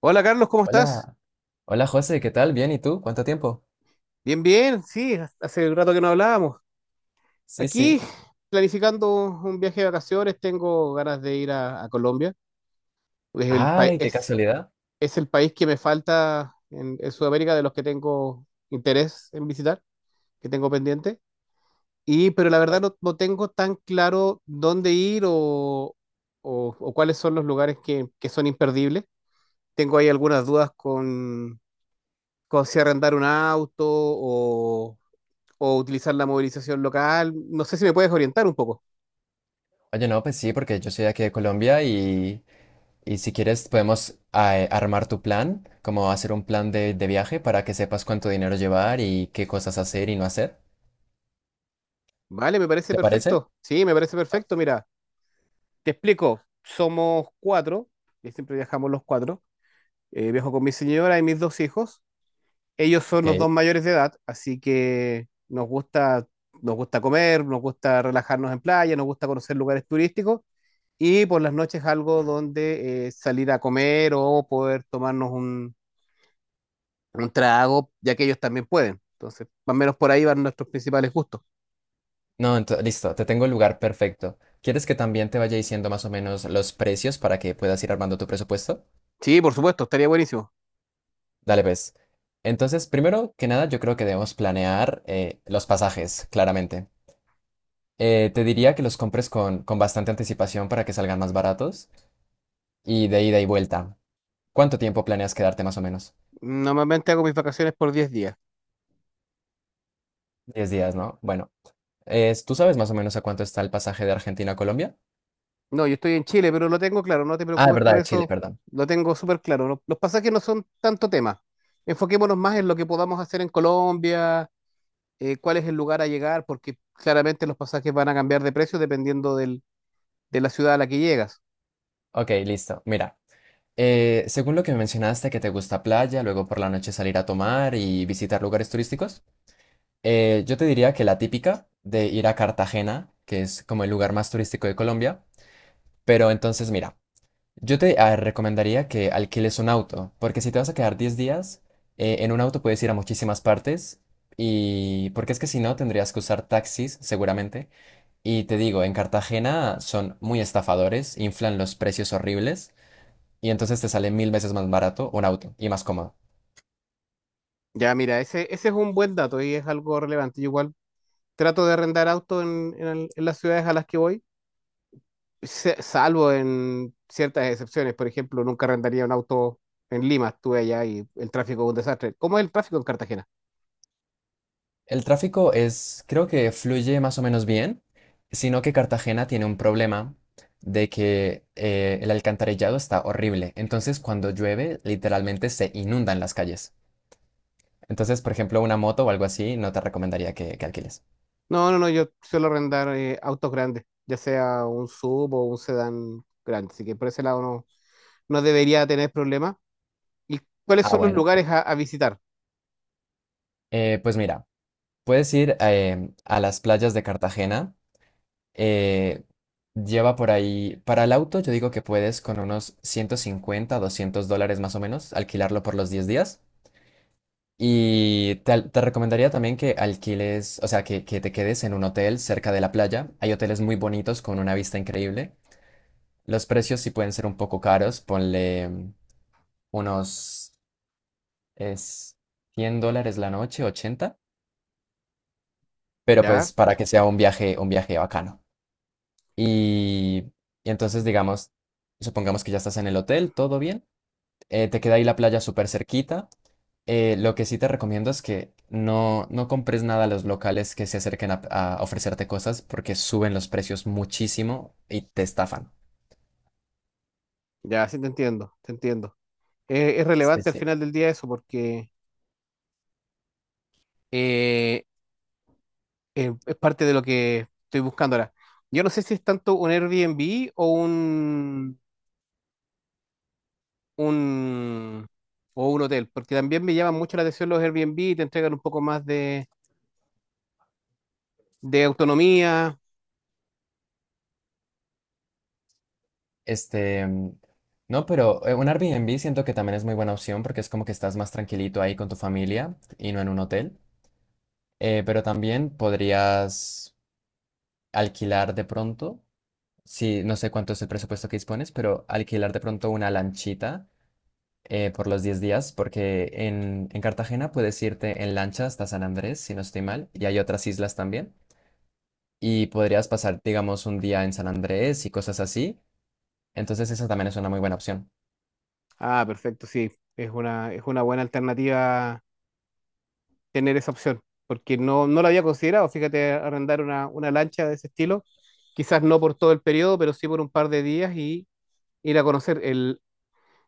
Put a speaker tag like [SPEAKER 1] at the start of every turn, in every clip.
[SPEAKER 1] Hola Carlos, ¿cómo estás?
[SPEAKER 2] Hola, hola José, ¿qué tal? Bien, ¿y tú? ¿Cuánto tiempo?
[SPEAKER 1] Bien, bien, sí, hace rato que no hablábamos.
[SPEAKER 2] Sí, sí.
[SPEAKER 1] Aquí, planificando un viaje de vacaciones, tengo ganas de ir a Colombia. Es el, pa-
[SPEAKER 2] Ay, qué
[SPEAKER 1] es,
[SPEAKER 2] casualidad.
[SPEAKER 1] es el país que me falta en Sudamérica de los que tengo interés en visitar, que tengo pendiente. Y, pero la verdad
[SPEAKER 2] Oye,
[SPEAKER 1] no tengo tan claro dónde ir o cuáles son los lugares que son imperdibles. Tengo ahí algunas dudas con si arrendar un auto o utilizar la movilización local. No sé si me puedes orientar un poco.
[SPEAKER 2] oye, no, pues sí, porque yo soy de aquí de Colombia y si quieres podemos armar tu plan, como hacer un plan de viaje para que sepas cuánto dinero llevar y qué cosas hacer y no hacer.
[SPEAKER 1] Vale, me parece
[SPEAKER 2] ¿Te parece?
[SPEAKER 1] perfecto. Sí, me parece
[SPEAKER 2] Ah,
[SPEAKER 1] perfecto. Mira, te explico. Somos cuatro, y siempre viajamos los cuatro. Viajo con mi señora y mis dos hijos. Ellos son los
[SPEAKER 2] Ok.
[SPEAKER 1] dos mayores de edad, así que nos nos gusta comer, nos gusta relajarnos en playa, nos gusta conocer lugares turísticos y por las noches algo donde salir a comer o poder tomarnos un trago, ya que ellos también pueden. Entonces, más o menos por ahí van nuestros principales gustos.
[SPEAKER 2] No, listo, te tengo el lugar perfecto. ¿Quieres que también te vaya diciendo más o menos los precios para que puedas ir armando tu presupuesto?
[SPEAKER 1] Sí, por supuesto, estaría buenísimo.
[SPEAKER 2] Dale, pues. Entonces, primero que nada, yo creo que debemos planear los pasajes, claramente. Te diría que los compres con bastante anticipación para que salgan más baratos y de ida y vuelta. ¿Cuánto tiempo planeas quedarte más o menos?
[SPEAKER 1] Normalmente hago mis vacaciones por 10 días.
[SPEAKER 2] 10 días, ¿no? Bueno, ¿tú sabes más o menos a cuánto está el pasaje de Argentina a Colombia?
[SPEAKER 1] No, yo estoy en Chile, pero lo tengo claro, no te
[SPEAKER 2] Ah, de
[SPEAKER 1] preocupes
[SPEAKER 2] verdad,
[SPEAKER 1] por
[SPEAKER 2] de Chile,
[SPEAKER 1] eso,
[SPEAKER 2] perdón.
[SPEAKER 1] lo tengo súper claro. Los pasajes no son tanto tema. Enfoquémonos más en lo que podamos hacer en Colombia, cuál es el lugar a llegar, porque claramente los pasajes van a cambiar de precio dependiendo de la ciudad a la que llegas.
[SPEAKER 2] Ok, listo. Mira, según lo que me mencionaste, que te gusta playa, luego por la noche salir a tomar y visitar lugares turísticos. Yo te diría que la típica de ir a Cartagena, que es como el lugar más turístico de Colombia, pero entonces mira. Yo te a recomendaría que alquiles un auto, porque si te vas a quedar 10 días, en un auto puedes ir a muchísimas partes, y porque es que si no tendrías que usar taxis seguramente. Y te digo, en Cartagena son muy estafadores, inflan los precios horribles, y entonces te sale mil veces más barato un auto y más cómodo.
[SPEAKER 1] Ya, mira, ese es un buen dato y es algo relevante. Yo igual trato de arrendar auto en las ciudades a las que voy salvo en ciertas excepciones. Por ejemplo, nunca arrendaría un auto en Lima, estuve allá y el tráfico es un desastre. ¿Cómo es el tráfico en Cartagena?
[SPEAKER 2] El tráfico es, creo que fluye más o menos bien, sino que Cartagena tiene un problema de que el alcantarillado está horrible. Entonces, cuando llueve, literalmente se inundan las calles. Entonces, por ejemplo, una moto o algo así, no te recomendaría que alquiles.
[SPEAKER 1] No, no, no, yo suelo arrendar autos grandes, ya sea un sub o un sedán grande, así que por ese lado no debería tener problemas. ¿Y cuáles
[SPEAKER 2] Ah,
[SPEAKER 1] son los
[SPEAKER 2] bueno.
[SPEAKER 1] lugares a visitar?
[SPEAKER 2] Pues mira, puedes ir a las playas de Cartagena. eh, Lleva por ahí, para el auto, yo digo que puedes con unos 150, $200 más o menos, alquilarlo por los 10 días. Y te recomendaría también que alquiles, o sea, que te quedes en un hotel cerca de la playa. Hay hoteles muy bonitos con una vista increíble. Los precios sí pueden ser un poco caros, ponle unos es $100 la noche, 80, pero pues
[SPEAKER 1] Ya,
[SPEAKER 2] para que sea un viaje bacano. Y, y entonces, digamos, supongamos que ya estás en el hotel, todo bien. Te queda ahí la playa súper cerquita. Lo que sí te recomiendo es que no compres nada a los locales que se acerquen a ofrecerte cosas porque suben los precios muchísimo y te estafan.
[SPEAKER 1] ya, sí te entiendo, te entiendo. Es
[SPEAKER 2] Sí,
[SPEAKER 1] relevante al
[SPEAKER 2] sí.
[SPEAKER 1] final del día eso porque eh, es parte de lo que estoy buscando ahora. Yo no sé si es tanto un Airbnb o un, o un hotel, porque también me llaman mucho la atención los Airbnb, te entregan un poco más de
[SPEAKER 2] Eh,
[SPEAKER 1] autonomía.
[SPEAKER 2] Este, mm, no, pero un Airbnb siento que también es muy buena opción porque es como que estás más tranquilito ahí con tu familia y no en un hotel. Pero también podrías alquilar de pronto, si no sé cuánto es el presupuesto que dispones, pero alquilar de pronto una lanchita por los 10 días, porque en Cartagena puedes irte en lancha hasta San Andrés, si no estoy mal, y hay otras islas también, y podrías pasar, digamos, un día en San Andrés y cosas así, entonces esa también es una muy buena opción.
[SPEAKER 1] Ah, perfecto, sí, es es una buena alternativa tener esa opción, porque no la había considerado, fíjate, arrendar una lancha de ese estilo, quizás no por todo el periodo, pero sí por un par de días y ir a conocer el...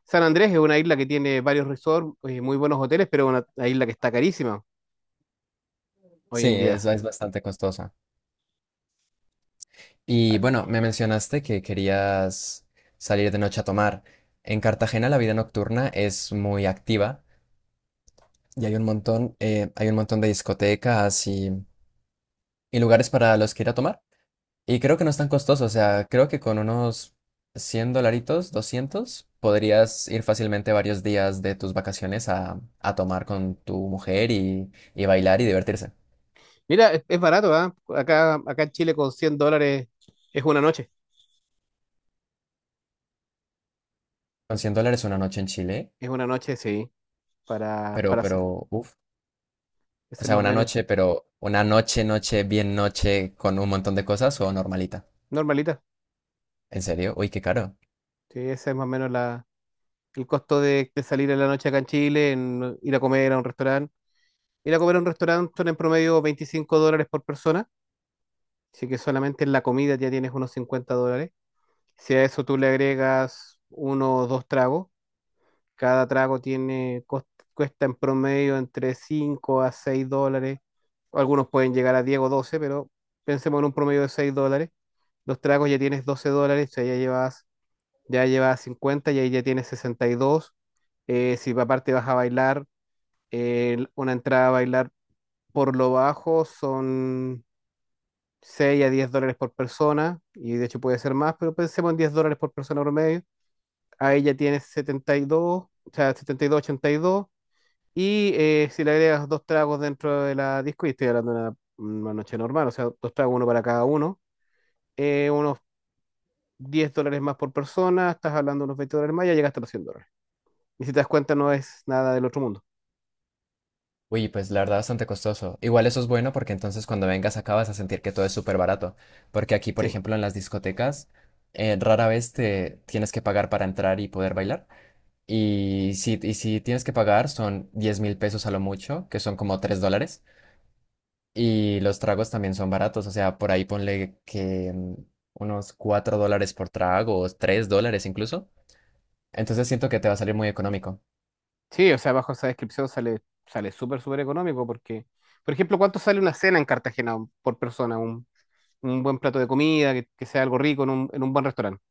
[SPEAKER 1] San Andrés es una isla que tiene varios resorts, muy buenos hoteles, pero una isla que está carísima hoy
[SPEAKER 2] Sí,
[SPEAKER 1] en
[SPEAKER 2] es,
[SPEAKER 1] día.
[SPEAKER 2] es bastante costosa. Y bueno, me mencionaste que querías salir de noche a tomar. En Cartagena la vida nocturna es muy activa y hay un montón de discotecas y lugares para los que ir a tomar. Y creo que no es tan costoso, o sea, creo que con unos 100 dolaritos, 200, podrías ir fácilmente varios días de tus vacaciones a tomar con tu mujer y bailar y divertirse.
[SPEAKER 1] Mira, es barato, ¿ah? Acá, acá en Chile con 100 dólares es una noche.
[SPEAKER 2] Con
[SPEAKER 1] Es
[SPEAKER 2] $100 una noche en Chile,
[SPEAKER 1] es una noche, sí,
[SPEAKER 2] pero,
[SPEAKER 1] para hacer.
[SPEAKER 2] pero, uff, o
[SPEAKER 1] Ese es
[SPEAKER 2] sea,
[SPEAKER 1] más o
[SPEAKER 2] una
[SPEAKER 1] menos,
[SPEAKER 2] noche, pero una noche, noche, bien noche, con un montón de cosas o normalita.
[SPEAKER 1] normalita.
[SPEAKER 2] ¿En serio? Uy, qué caro.
[SPEAKER 1] Sí, ese es más o menos el costo de salir en la noche acá en Chile, en ir a comer a un restaurante. Ir a comer a un restaurante son en promedio 25 dólares por persona. Así que solamente en la comida ya tienes unos 50 dólares. Si a eso tú le agregas uno o dos tragos, cada trago cuesta en promedio entre 5 a 6 dólares. Algunos pueden llegar a 10 o 12, pero pensemos en un promedio de 6 dólares. Los tragos ya tienes 12 dólares, o sea, ya llevas 50 y ahí ya tienes 62. Si aparte vas a bailar, una entrada a bailar por lo bajo son 6 a 10 dólares por persona, y de hecho puede ser más, pero pensemos en $10 por persona promedio. Ahí ya tienes setenta y dos, o sea, setenta y dos, ochenta y dos. Y si le agregas dos tragos dentro de la disco, y estoy hablando de una noche normal, o sea, dos tragos, uno para cada uno, unos 10 dólares más por persona, estás hablando de unos 20 dólares más, ya llegaste a los 100 dólares. Y si te das cuenta, no es nada del otro mundo.
[SPEAKER 2] Uy, pues la verdad bastante costoso. Igual eso es bueno porque entonces cuando vengas acá vas a sentir que todo es súper barato. Porque aquí, por
[SPEAKER 1] Sí,
[SPEAKER 2] ejemplo, en las discotecas, rara vez te tienes que pagar para entrar y poder bailar. Y si tienes que pagar son 10.000 pesos a lo mucho, que son como $3. Y los tragos también son baratos. O sea, por ahí ponle que unos $4 por trago o $3 incluso. Entonces siento que te va a salir muy económico.
[SPEAKER 1] sí, o sea, bajo esa descripción sale súper, súper económico, porque, por ejemplo, ¿cuánto sale una cena en Cartagena por persona? Un buen plato de comida, que sea algo rico en un buen restaurante,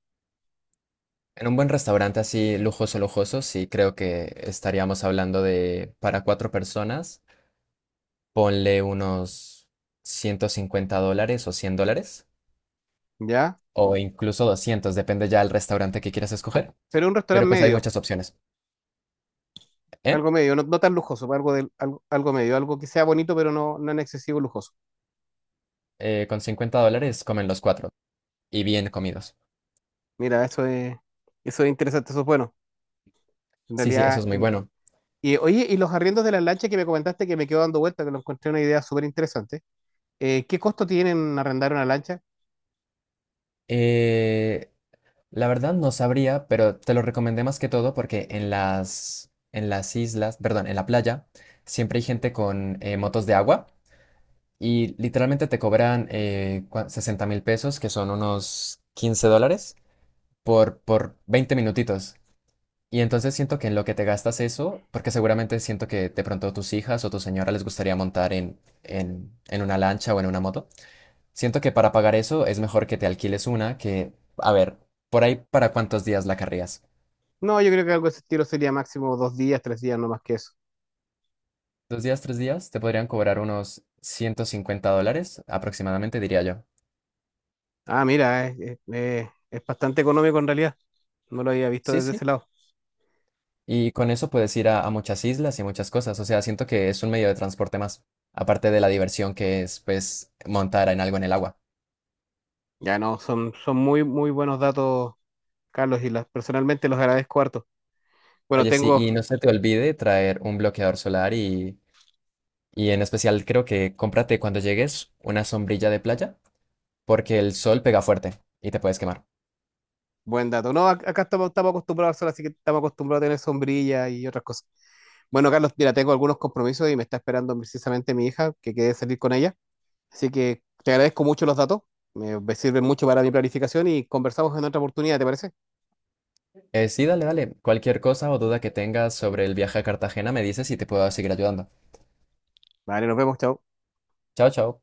[SPEAKER 2] En un buen restaurante así lujoso, lujoso, sí creo que estaríamos hablando de para cuatro personas, ponle unos $150 o $100,
[SPEAKER 1] ¿ya?
[SPEAKER 2] o incluso 200 depende ya del restaurante que quieras escoger.
[SPEAKER 1] Pero un
[SPEAKER 2] Pero
[SPEAKER 1] restaurante
[SPEAKER 2] pues hay
[SPEAKER 1] medio,
[SPEAKER 2] muchas opciones. ¿Eh?
[SPEAKER 1] algo medio, no tan lujoso, pues, algo medio, algo que sea bonito, pero no en excesivo lujoso.
[SPEAKER 2] Con $50 comen los cuatro y bien comidos.
[SPEAKER 1] Mira, eso eso es interesante, eso es bueno. En
[SPEAKER 2] Sí, sí, eso
[SPEAKER 1] realidad,
[SPEAKER 2] es muy bueno.
[SPEAKER 1] y oye, y los arriendos de las lanchas que me comentaste, que me quedó dando vuelta, que lo encontré una idea súper interesante. ¿Qué costo tienen arrendar una lancha?
[SPEAKER 2] Eh, la verdad no sabría, pero te lo recomendé más que todo porque en las islas, perdón, en la playa, siempre hay gente con motos de agua. Y literalmente te cobran 60 mil pesos, que son unos $15, por 20 minutitos. Y entonces siento que en lo que te gastas eso, porque seguramente siento que de pronto tus hijas o tu señora les gustaría montar en una lancha o en una moto, siento que para pagar eso es mejor que te alquiles una que, a ver, por ahí para cuántos días la carrías.
[SPEAKER 1] No, yo creo que algo de ese estilo sería máximo dos días, tres días, no más que eso.
[SPEAKER 2] 2 días, 3 días, te podrían cobrar unos $150 aproximadamente, diría yo.
[SPEAKER 1] Ah, mira, es bastante económico en realidad. No lo había visto
[SPEAKER 2] Sí,
[SPEAKER 1] desde
[SPEAKER 2] sí.
[SPEAKER 1] ese lado.
[SPEAKER 2] Y con eso puedes ir a muchas islas y muchas cosas. O sea, siento que es un medio de transporte más, aparte de la diversión que es, pues, montar en algo en el agua.
[SPEAKER 1] Ya no, son muy, muy buenos datos, Carlos, y las, personalmente los agradezco harto. Bueno,
[SPEAKER 2] Oye, sí,
[SPEAKER 1] tengo...
[SPEAKER 2] y no se te olvide traer un bloqueador solar y en especial creo que cómprate cuando llegues una sombrilla de playa, porque el sol pega fuerte y te puedes quemar.
[SPEAKER 1] Buen dato. No, acá estamos acostumbrados al sol, así que estamos acostumbrados a tener sombrilla y otras cosas. Bueno, Carlos, mira, tengo algunos compromisos y me está esperando precisamente mi hija, que quede salir con ella. Así que te agradezco mucho los datos. Me sirven mucho para mi planificación y conversamos en otra oportunidad, ¿te parece?
[SPEAKER 2] Sí, dale, dale. Cualquier cosa o duda que tengas sobre el viaje a Cartagena me dices y te puedo seguir ayudando.
[SPEAKER 1] Vale, nos vemos, chao.
[SPEAKER 2] Chao, chao.